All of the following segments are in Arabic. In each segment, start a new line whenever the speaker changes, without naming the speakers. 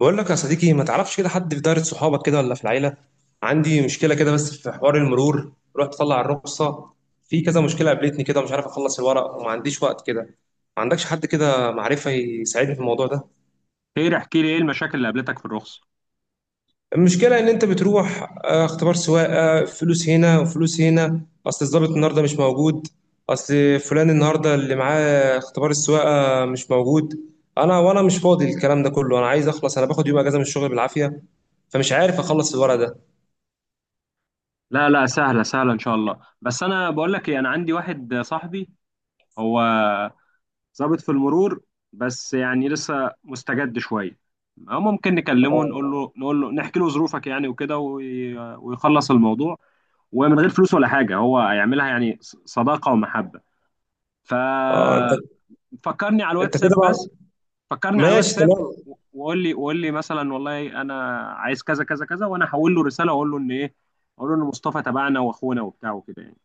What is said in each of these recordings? بقول لك يا صديقي، ما تعرفش كده حد في دايرة صحابك كده ولا في العيلة؟ عندي مشكلة كده بس في حوار المرور. رحت اطلع الرخصة، في كذا مشكلة قابلتني كده، مش عارف اخلص الورق وما عنديش وقت كده. ما عندكش حد كده معرفة يساعدني في الموضوع ده؟
خير، احكي لي ايه المشاكل اللي قابلتك في الرخصة.
المشكلة ان انت بتروح اختبار سواقة، فلوس هنا وفلوس هنا. اصل الضابط النهاردة مش موجود، اصل فلان النهاردة اللي معاه اختبار السواقة مش موجود. انا مش فاضي الكلام ده كله، انا عايز اخلص، انا باخد يوم اجازة من الشغل بالعافية. فمش عارف اخلص الورق ده.
لا، سهلة ان شاء الله. بس انا بقول لك ايه، انا عندي واحد صاحبي، هو ضابط في المرور، بس يعني لسه مستجد شوية، أو ممكن نكلمه، نقول
اه.
له نقول له نحكي له ظروفك يعني وكده ويخلص الموضوع، ومن غير فلوس ولا حاجة هو هيعملها يعني صداقة ومحبة.
اه انت.
ففكرني على
انت كده
الواتساب،
بقى.
بس فكرني على
ماشي
الواتساب.
تمام.
وقول لي مثلا والله انا عايز كذا كذا كذا، وانا هحول له رساله واقول له ان ايه، اقول له ان مصطفى تبعنا واخونا وبتاع وكده يعني.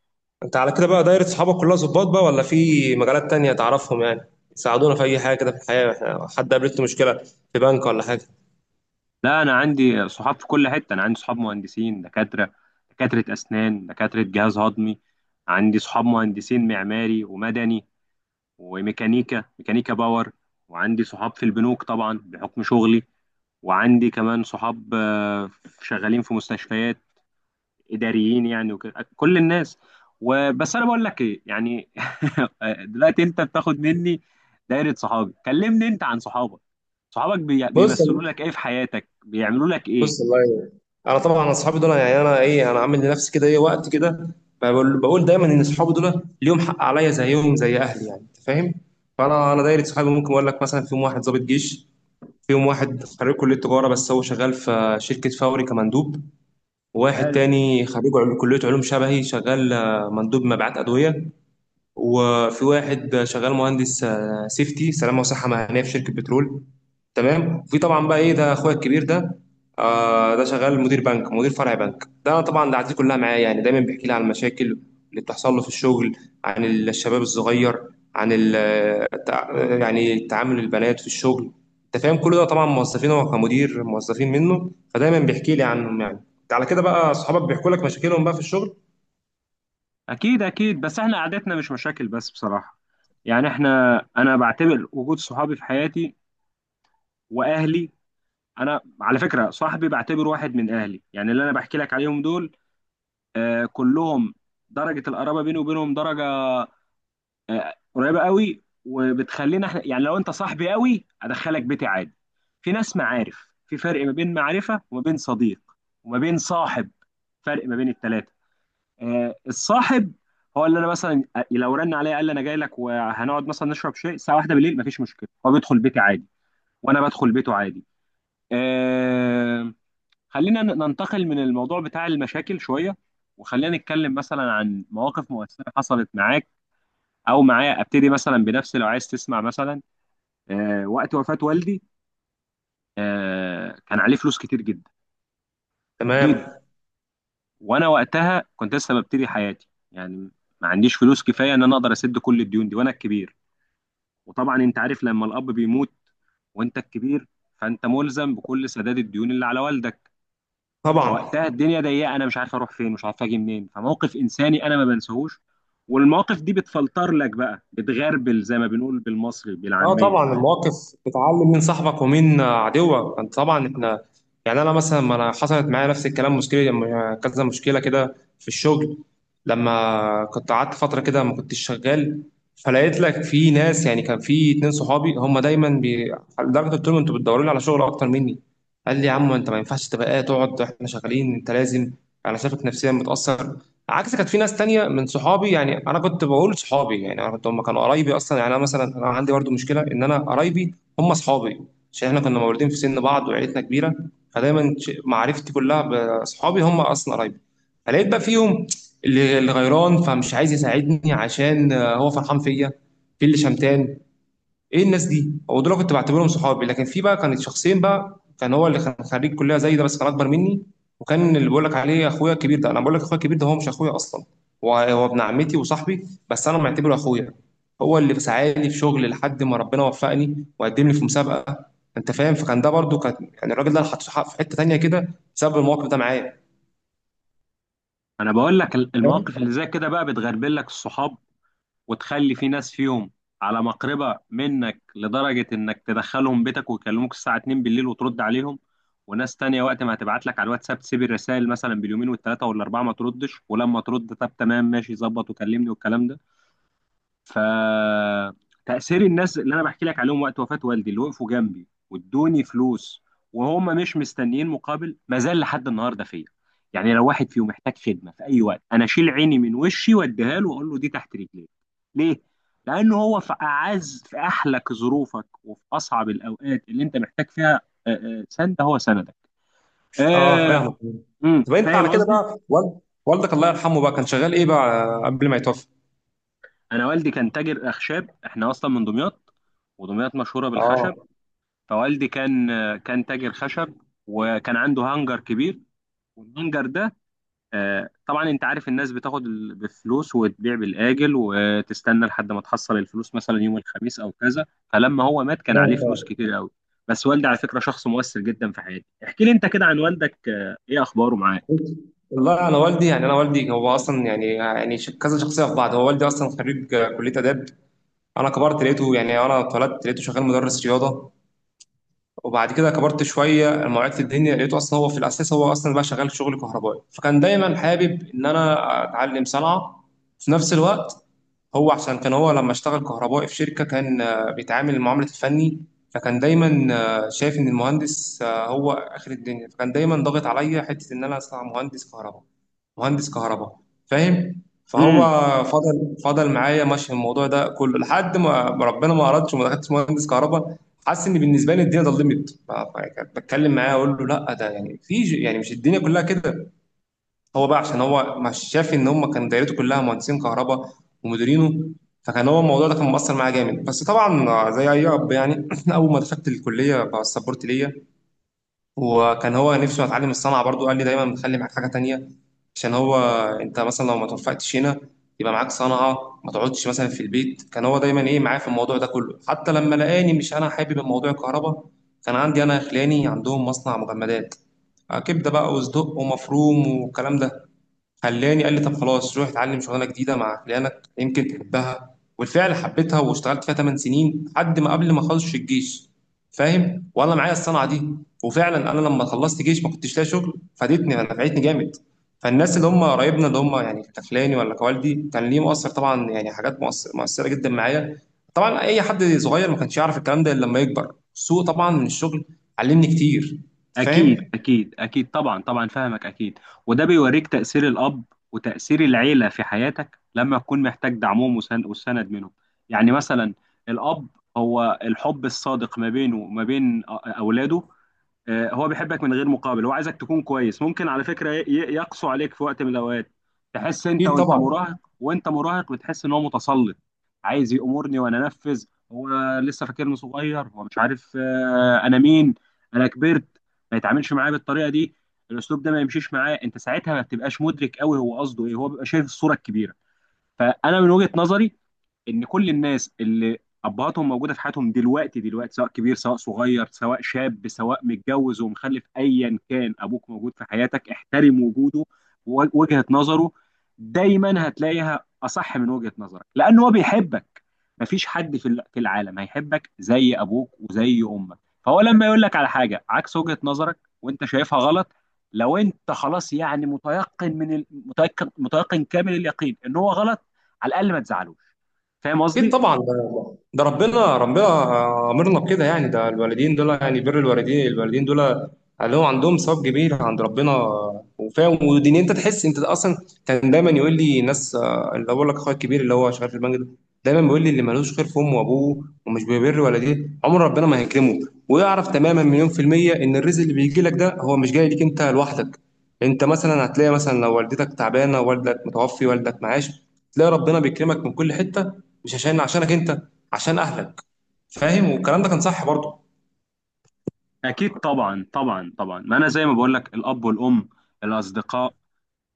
انت على كده بقى دايرة صحابك كلها ظباط بقى ولا في مجالات تانية تعرفهم يعني يساعدونا في اي حاجة كده في الحياة؟ احنا حد قابلته مشكلة في بنك ولا حاجة؟
لا، انا عندي صحاب في كل حته، انا عندي صحاب مهندسين، دكاتره، دكاتره اسنان، دكاتره جهاز هضمي، عندي صحاب مهندسين معماري ومدني، وميكانيكا، ميكانيكا باور، وعندي صحاب في البنوك طبعا بحكم شغلي، وعندي كمان صحاب، شغالين في مستشفيات، اداريين يعني وكده كل الناس. وبس انا بقول لك ايه يعني دلوقتي انت بتاخد مني دايره صحابي، كلمني انت عن صحابك، صحابك
بص.
بيمثلوا لك ايه في حياتك، بيعملوا لك ايه؟
بص والله يعني. انا طبعا اصحابي دول يعني، انا ايه، انا عامل لنفسي كده ايه وقت كده، بقول دايما ان اصحابي دول ليهم حق عليا زيهم زي اهلي، يعني انت فاهم. فانا دايرة صحابي ممكن اقول لك مثلا فيهم واحد ضابط جيش، فيهم واحد خريج كلية تجارة بس هو شغال في شركة فوري كمندوب، واحد
قالوا،
تاني خريج كلية علوم شبهي شغال مندوب مبيعات أدوية، وفي واحد شغال مهندس سيفتي سلامة وصحة مهنية في شركة بترول. تمام. وفي طبعا بقى ايه ده اخويا الكبير ده، آه ده شغال مدير بنك، مدير فرع بنك. ده انا طبعا دعاتي كلها معاه يعني، دايما بيحكي لي عن المشاكل اللي بتحصل له في الشغل، عن الشباب الصغير، عن التع- يعني تعامل البنات في الشغل. انت فاهم؟ كل ده طبعا موظفين، هو كمدير موظفين منه، فدايما بيحكي لي عنهم يعني. على كده بقى اصحابك بيحكوا لك مشاكلهم بقى في الشغل.
اكيد، بس احنا قعدتنا مش مشاكل بس بصراحه، يعني احنا، انا بعتبر وجود صحابي في حياتي واهلي، انا على فكره صاحبي بعتبره واحد من اهلي، يعني اللي انا بحكي لك عليهم دول آه كلهم درجه القرابه بيني وبينهم درجه قريبه قوي، وبتخلينا احنا يعني لو انت صاحبي قوي ادخلك بيتي عادي. في ناس معارف، في فرق ما بين معرفه وما بين صديق وما بين صاحب، فرق ما بين الثلاثه. الصاحب هو اللي انا مثلا لو رن عليا قال لي انا جاي لك وهنقعد مثلا نشرب شاي الساعه واحدة بالليل مفيش مشكله، هو بيدخل بيتي عادي وانا بدخل بيته عادي. آه، خلينا ننتقل من الموضوع بتاع المشاكل شويه، وخلينا نتكلم مثلا عن مواقف مؤثره حصلت معاك او معايا. ابتدي مثلا بنفسي لو عايز تسمع. مثلا وقت وفاة والدي كان عليه فلوس كتير جدا جدا،
تمام.
وانا وقتها كنت لسه ببتدي حياتي يعني، ما عنديش فلوس كفايه ان انا اقدر اسد كل الديون دي وانا الكبير، وطبعا انت عارف لما الاب بيموت وانت الكبير فانت ملزم بكل سداد الديون اللي على والدك.
طبعا.
فوقتها الدنيا ضيقه، انا مش عارف اروح فين، مش عارف اجي منين، فموقف انساني انا ما بنساهوش، والمواقف دي بتفلتر لك بقى، بتغربل زي ما بنقول بالمصري
اه
بالعاميه.
طبعا المواقف بتعلم مين صاحبك ومين عدوك، انت طبعا احنا يعني. انا مثلا، ما انا حصلت معايا نفس الكلام، مشكله كذا مشكله كده في الشغل لما كنت قعدت فتره كده ما كنتش شغال، فلقيت لك في ناس يعني كان في اتنين صحابي هم دايما بي... لدرجه قلت لهم انتوا بتدوروا لي على شغل اكتر مني. قال لي يا عم انت ما ينفعش تبقى قاعد، تقعد احنا شغالين، انت لازم، انا شايفك نفسيا متاثر. عكس كانت في ناس تانية من صحابي يعني انا كنت بقول صحابي يعني انا كنت، هم كانوا قرايبي اصلا يعني، انا مثلا انا عندي برضو مشكله ان انا قرايبي هم صحابي عشان احنا كنا مولودين في سن بعض وعيلتنا كبيره. فدايما معرفتي كلها باصحابي هم اصلا قرايبي. فلقيت بقى فيهم اللي غيران فمش عايز يساعدني عشان هو فرحان فيا، في اللي شمتان. ايه الناس دي؟ هو دول كنت بعتبرهم صحابي. لكن في بقى كانت شخصين بقى، كان هو اللي كان خريج كليه زي ده بس كان اكبر مني، وكان اللي بقول لك عليه اخويا الكبير ده. انا بقول لك اخويا الكبير ده هو مش اخويا اصلا، هو هو ابن عمتي وصاحبي بس انا معتبره اخويا. هو اللي ساعدني في شغل لحد ما ربنا وفقني وقدم لي في مسابقه. انت فاهم؟ فكان ده برضو كان يعني الراجل ده انا حاطه في حته تانيه كده بسبب الموقف ده معايا.
انا بقول لك
فاهم؟
المواقف اللي زي كده بقى بتغربل لك الصحاب، وتخلي في ناس فيهم على مقربة منك لدرجة انك تدخلهم بيتك ويكلموك الساعة 2 بالليل وترد عليهم، وناس تانية وقت ما هتبعت لك على الواتساب تسيب الرسائل مثلا باليومين والتلاتة والاربعة ما تردش، ولما ترد طب تمام ماشي ظبط وكلمني والكلام ده. فتأثير الناس اللي انا بحكي لك عليهم وقت وفاة والدي اللي وقفوا جنبي وادوني فلوس وهم مش مستنيين مقابل، ما زال لحد النهارده فيا، يعني لو واحد فيهم محتاج خدمه في اي وقت انا اشيل عيني من وشي واديها له واقول له دي تحت رجليك. ليه؟ لانه هو في اعز، في احلك ظروفك وفي اصعب الاوقات اللي انت محتاج فيها سند، هو سندك.
اه
آه،
فاهمك. طب انت
فاهم
على كده
قصدي.
بقى والدك الله يرحمه بقى كان شغال ايه بقى قبل ما يتوفى؟
انا والدي كان تاجر اخشاب، احنا اصلا من دمياط، ودمياط مشهوره
اه
بالخشب، فوالدي كان، كان تاجر خشب، وكان عنده هانجر كبير، والهانجر ده طبعا انت عارف الناس بتاخد بفلوس وتبيع بالاجل وتستنى لحد ما تحصل الفلوس مثلا يوم الخميس او كذا، فلما هو مات كان عليه
فاهم.
فلوس كتير قوي. بس والدي على فكره شخص مؤثر جدا في حياتي. احكي لي انت كده عن والدك ايه اخباره معاك.
والله انا والدي يعني، انا والدي هو اصلا يعني يعني كذا شخصيه في بعض، هو والدي اصلا خريج كليه اداب. انا كبرت لقيته يعني، انا اتولدت لقيته شغال مدرس رياضه، وبعد كده كبرت شويه لما وعيت في الدنيا لقيته اصلا هو في الاساس هو اصلا بقى شغال شغل كهربائي. فكان دايما حابب ان انا اتعلم صنعه في نفس الوقت. هو عشان كان هو لما اشتغل كهربائي في شركه كان بيتعامل معامله الفني، فكان دايما شايف ان المهندس هو اخر الدنيا، فكان دايما ضاغط عليا حته ان انا اصنع مهندس كهرباء، مهندس كهرباء. فاهم؟ فهو
امم
فضل معايا ماشي في الموضوع ده كله لحد ما ربنا ما اردش وما دخلتش مهندس كهرباء. حاسس ان بالنسبه لي الدنيا ظلمت، بتكلم معاه اقول له لا ده يعني في يعني مش الدنيا كلها كده. هو بقى عشان هو مش شاف ان هم، كان دايرته كلها مهندسين كهرباء ومديرينه. فكان هو الموضوع ده كان مؤثر معاه جامد. بس طبعا زي اي اب يعني اول ما دخلت الكليه بقى السبورت ليا، وكان هو نفسه اتعلم الصنعه برضو قال لي دايما خلي معاك حاجه تانيه. عشان هو انت مثلا لو ما توفقتش هنا يبقى معاك صنعة ما تقعدش مثلا في البيت. كان هو دايما ايه معايا في الموضوع ده كله، حتى لما لقاني مش انا حابب الموضوع الكهرباء كان عندي انا خلاني عندهم مصنع مجمدات، كبدة بقى وصدق ومفروم والكلام ده، خلاني قال لي طب خلاص روح اتعلم شغلانه جديده مع خلانك يمكن تحبها، والفعل حبيتها واشتغلت فيها 8 سنين لحد ما قبل ما اخلص الجيش. فاهم؟ وانا معايا الصنعه دي، وفعلا انا لما خلصت جيش ما كنتش لاقي شغل فادتني نفعتني جامد. فالناس اللي هم قرايبنا اللي هم يعني كخلاني ولا كوالدي كان ليه مؤثر طبعا يعني، حاجات مؤثره جدا معايا. طبعا اي حد صغير ما كانش يعرف الكلام ده الا لما يكبر، السوق طبعا من الشغل علمني كتير.
أكيد
فاهم؟
أكيد أكيد طبعا طبعا فاهمك أكيد. وده بيوريك تأثير الأب وتأثير العيلة في حياتك لما تكون محتاج دعمهم والسند منهم. يعني مثلا، الأب هو الحب الصادق ما بينه وما بين أولاده. هو بيحبك من غير مقابل، هو عايزك تكون كويس، ممكن على فكرة يقسو عليك في وقت من الأوقات، تحس أنت،
اكيد
وأنت
طبعا
مراهق، وأنت مراهق بتحس إن هو متسلط، عايز يأمرني وأنا أنفذ، هو لسه فاكرني صغير، هو مش عارف أنا مين، أنا كبرت، ما يتعاملش معايا بالطريقة دي، الأسلوب ده ما يمشيش معاه. أنت ساعتها ما بتبقاش مدرك قوي هو قصده إيه، هو بيبقى شايف الصورة الكبيرة. فأنا من وجهة نظري ان كل الناس اللي ابهاتهم موجوده في حياتهم دلوقتي، دلوقتي سواء كبير سواء صغير سواء شاب سواء متجوز ومخلف ايا كان ابوك موجود في حياتك احترم وجوده ووجهه نظره، دايما هتلاقيها اصح من وجهه نظرك لان هو بيحبك، مفيش حد في في العالم هيحبك زي ابوك وزي امك. فهو لما يقول لك على حاجه عكس وجهه نظرك وانت شايفها غلط، لو انت خلاص يعني متيقن من متيقن كامل اليقين ان هو غلط، على الاقل ما تزعلوش. فاهم
اكيد
قصدي؟
طبعا، ده ربنا، ربنا امرنا بكده يعني، ده الوالدين دول يعني، بر الوالدين، الوالدين دول لهم عندهم ثواب كبير عند ربنا. وفاهم ودين انت تحس انت اصلا، كان دايما يقول لي ناس اللي بقول لك اخويا الكبير اللي هو شغال في البنك ده دايما بيقول لي اللي ملوش خير في امه وابوه ومش بيبر والديه عمر ربنا ما هيكرمه. ويعرف تماما مليون في المية ان الرزق اللي بيجي لك ده هو مش جاي ليك انت لوحدك. انت مثلا هتلاقي مثلا لو والدتك تعبانه والدك متوفي والدك معاش تلاقي ربنا بيكرمك من كل حته، مش عشانك انت، عشان اهلك. فاهم؟ والكلام ده كان صح برضه.
اكيد طبعا طبعا. ما انا زي ما بقول لك الاب والام، الاصدقاء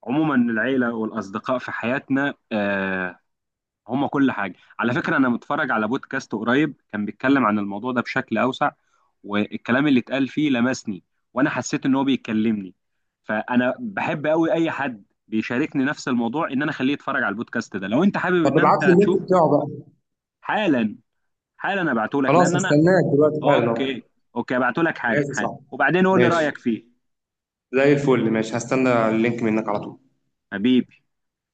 عموما، العيله والاصدقاء في حياتنا آه هم كل حاجه. على فكره انا متفرج على بودكاست قريب كان بيتكلم عن الموضوع ده بشكل اوسع، والكلام اللي اتقال فيه لمسني، وانا حسيت ان هو بيكلمني. فانا بحب قوي اي حد بيشاركني نفس الموضوع ان انا اخليه يتفرج على البودكاست ده، لو انت حابب
طب
ان
ابعت لي
انت تشوف.
اللينك بتاعه بقى.
حالا، حالا ابعته لك
خلاص
لان انا،
هستناك دلوقتي حالا اهو.
اوكي، اوكي هبعته لك حالا
ماشي
حالا
صح.
وبعدين قول لي
ماشي.
رايك فيه.
زي الفل، ماشي، هستنى اللينك منك على طول.
حبيبي.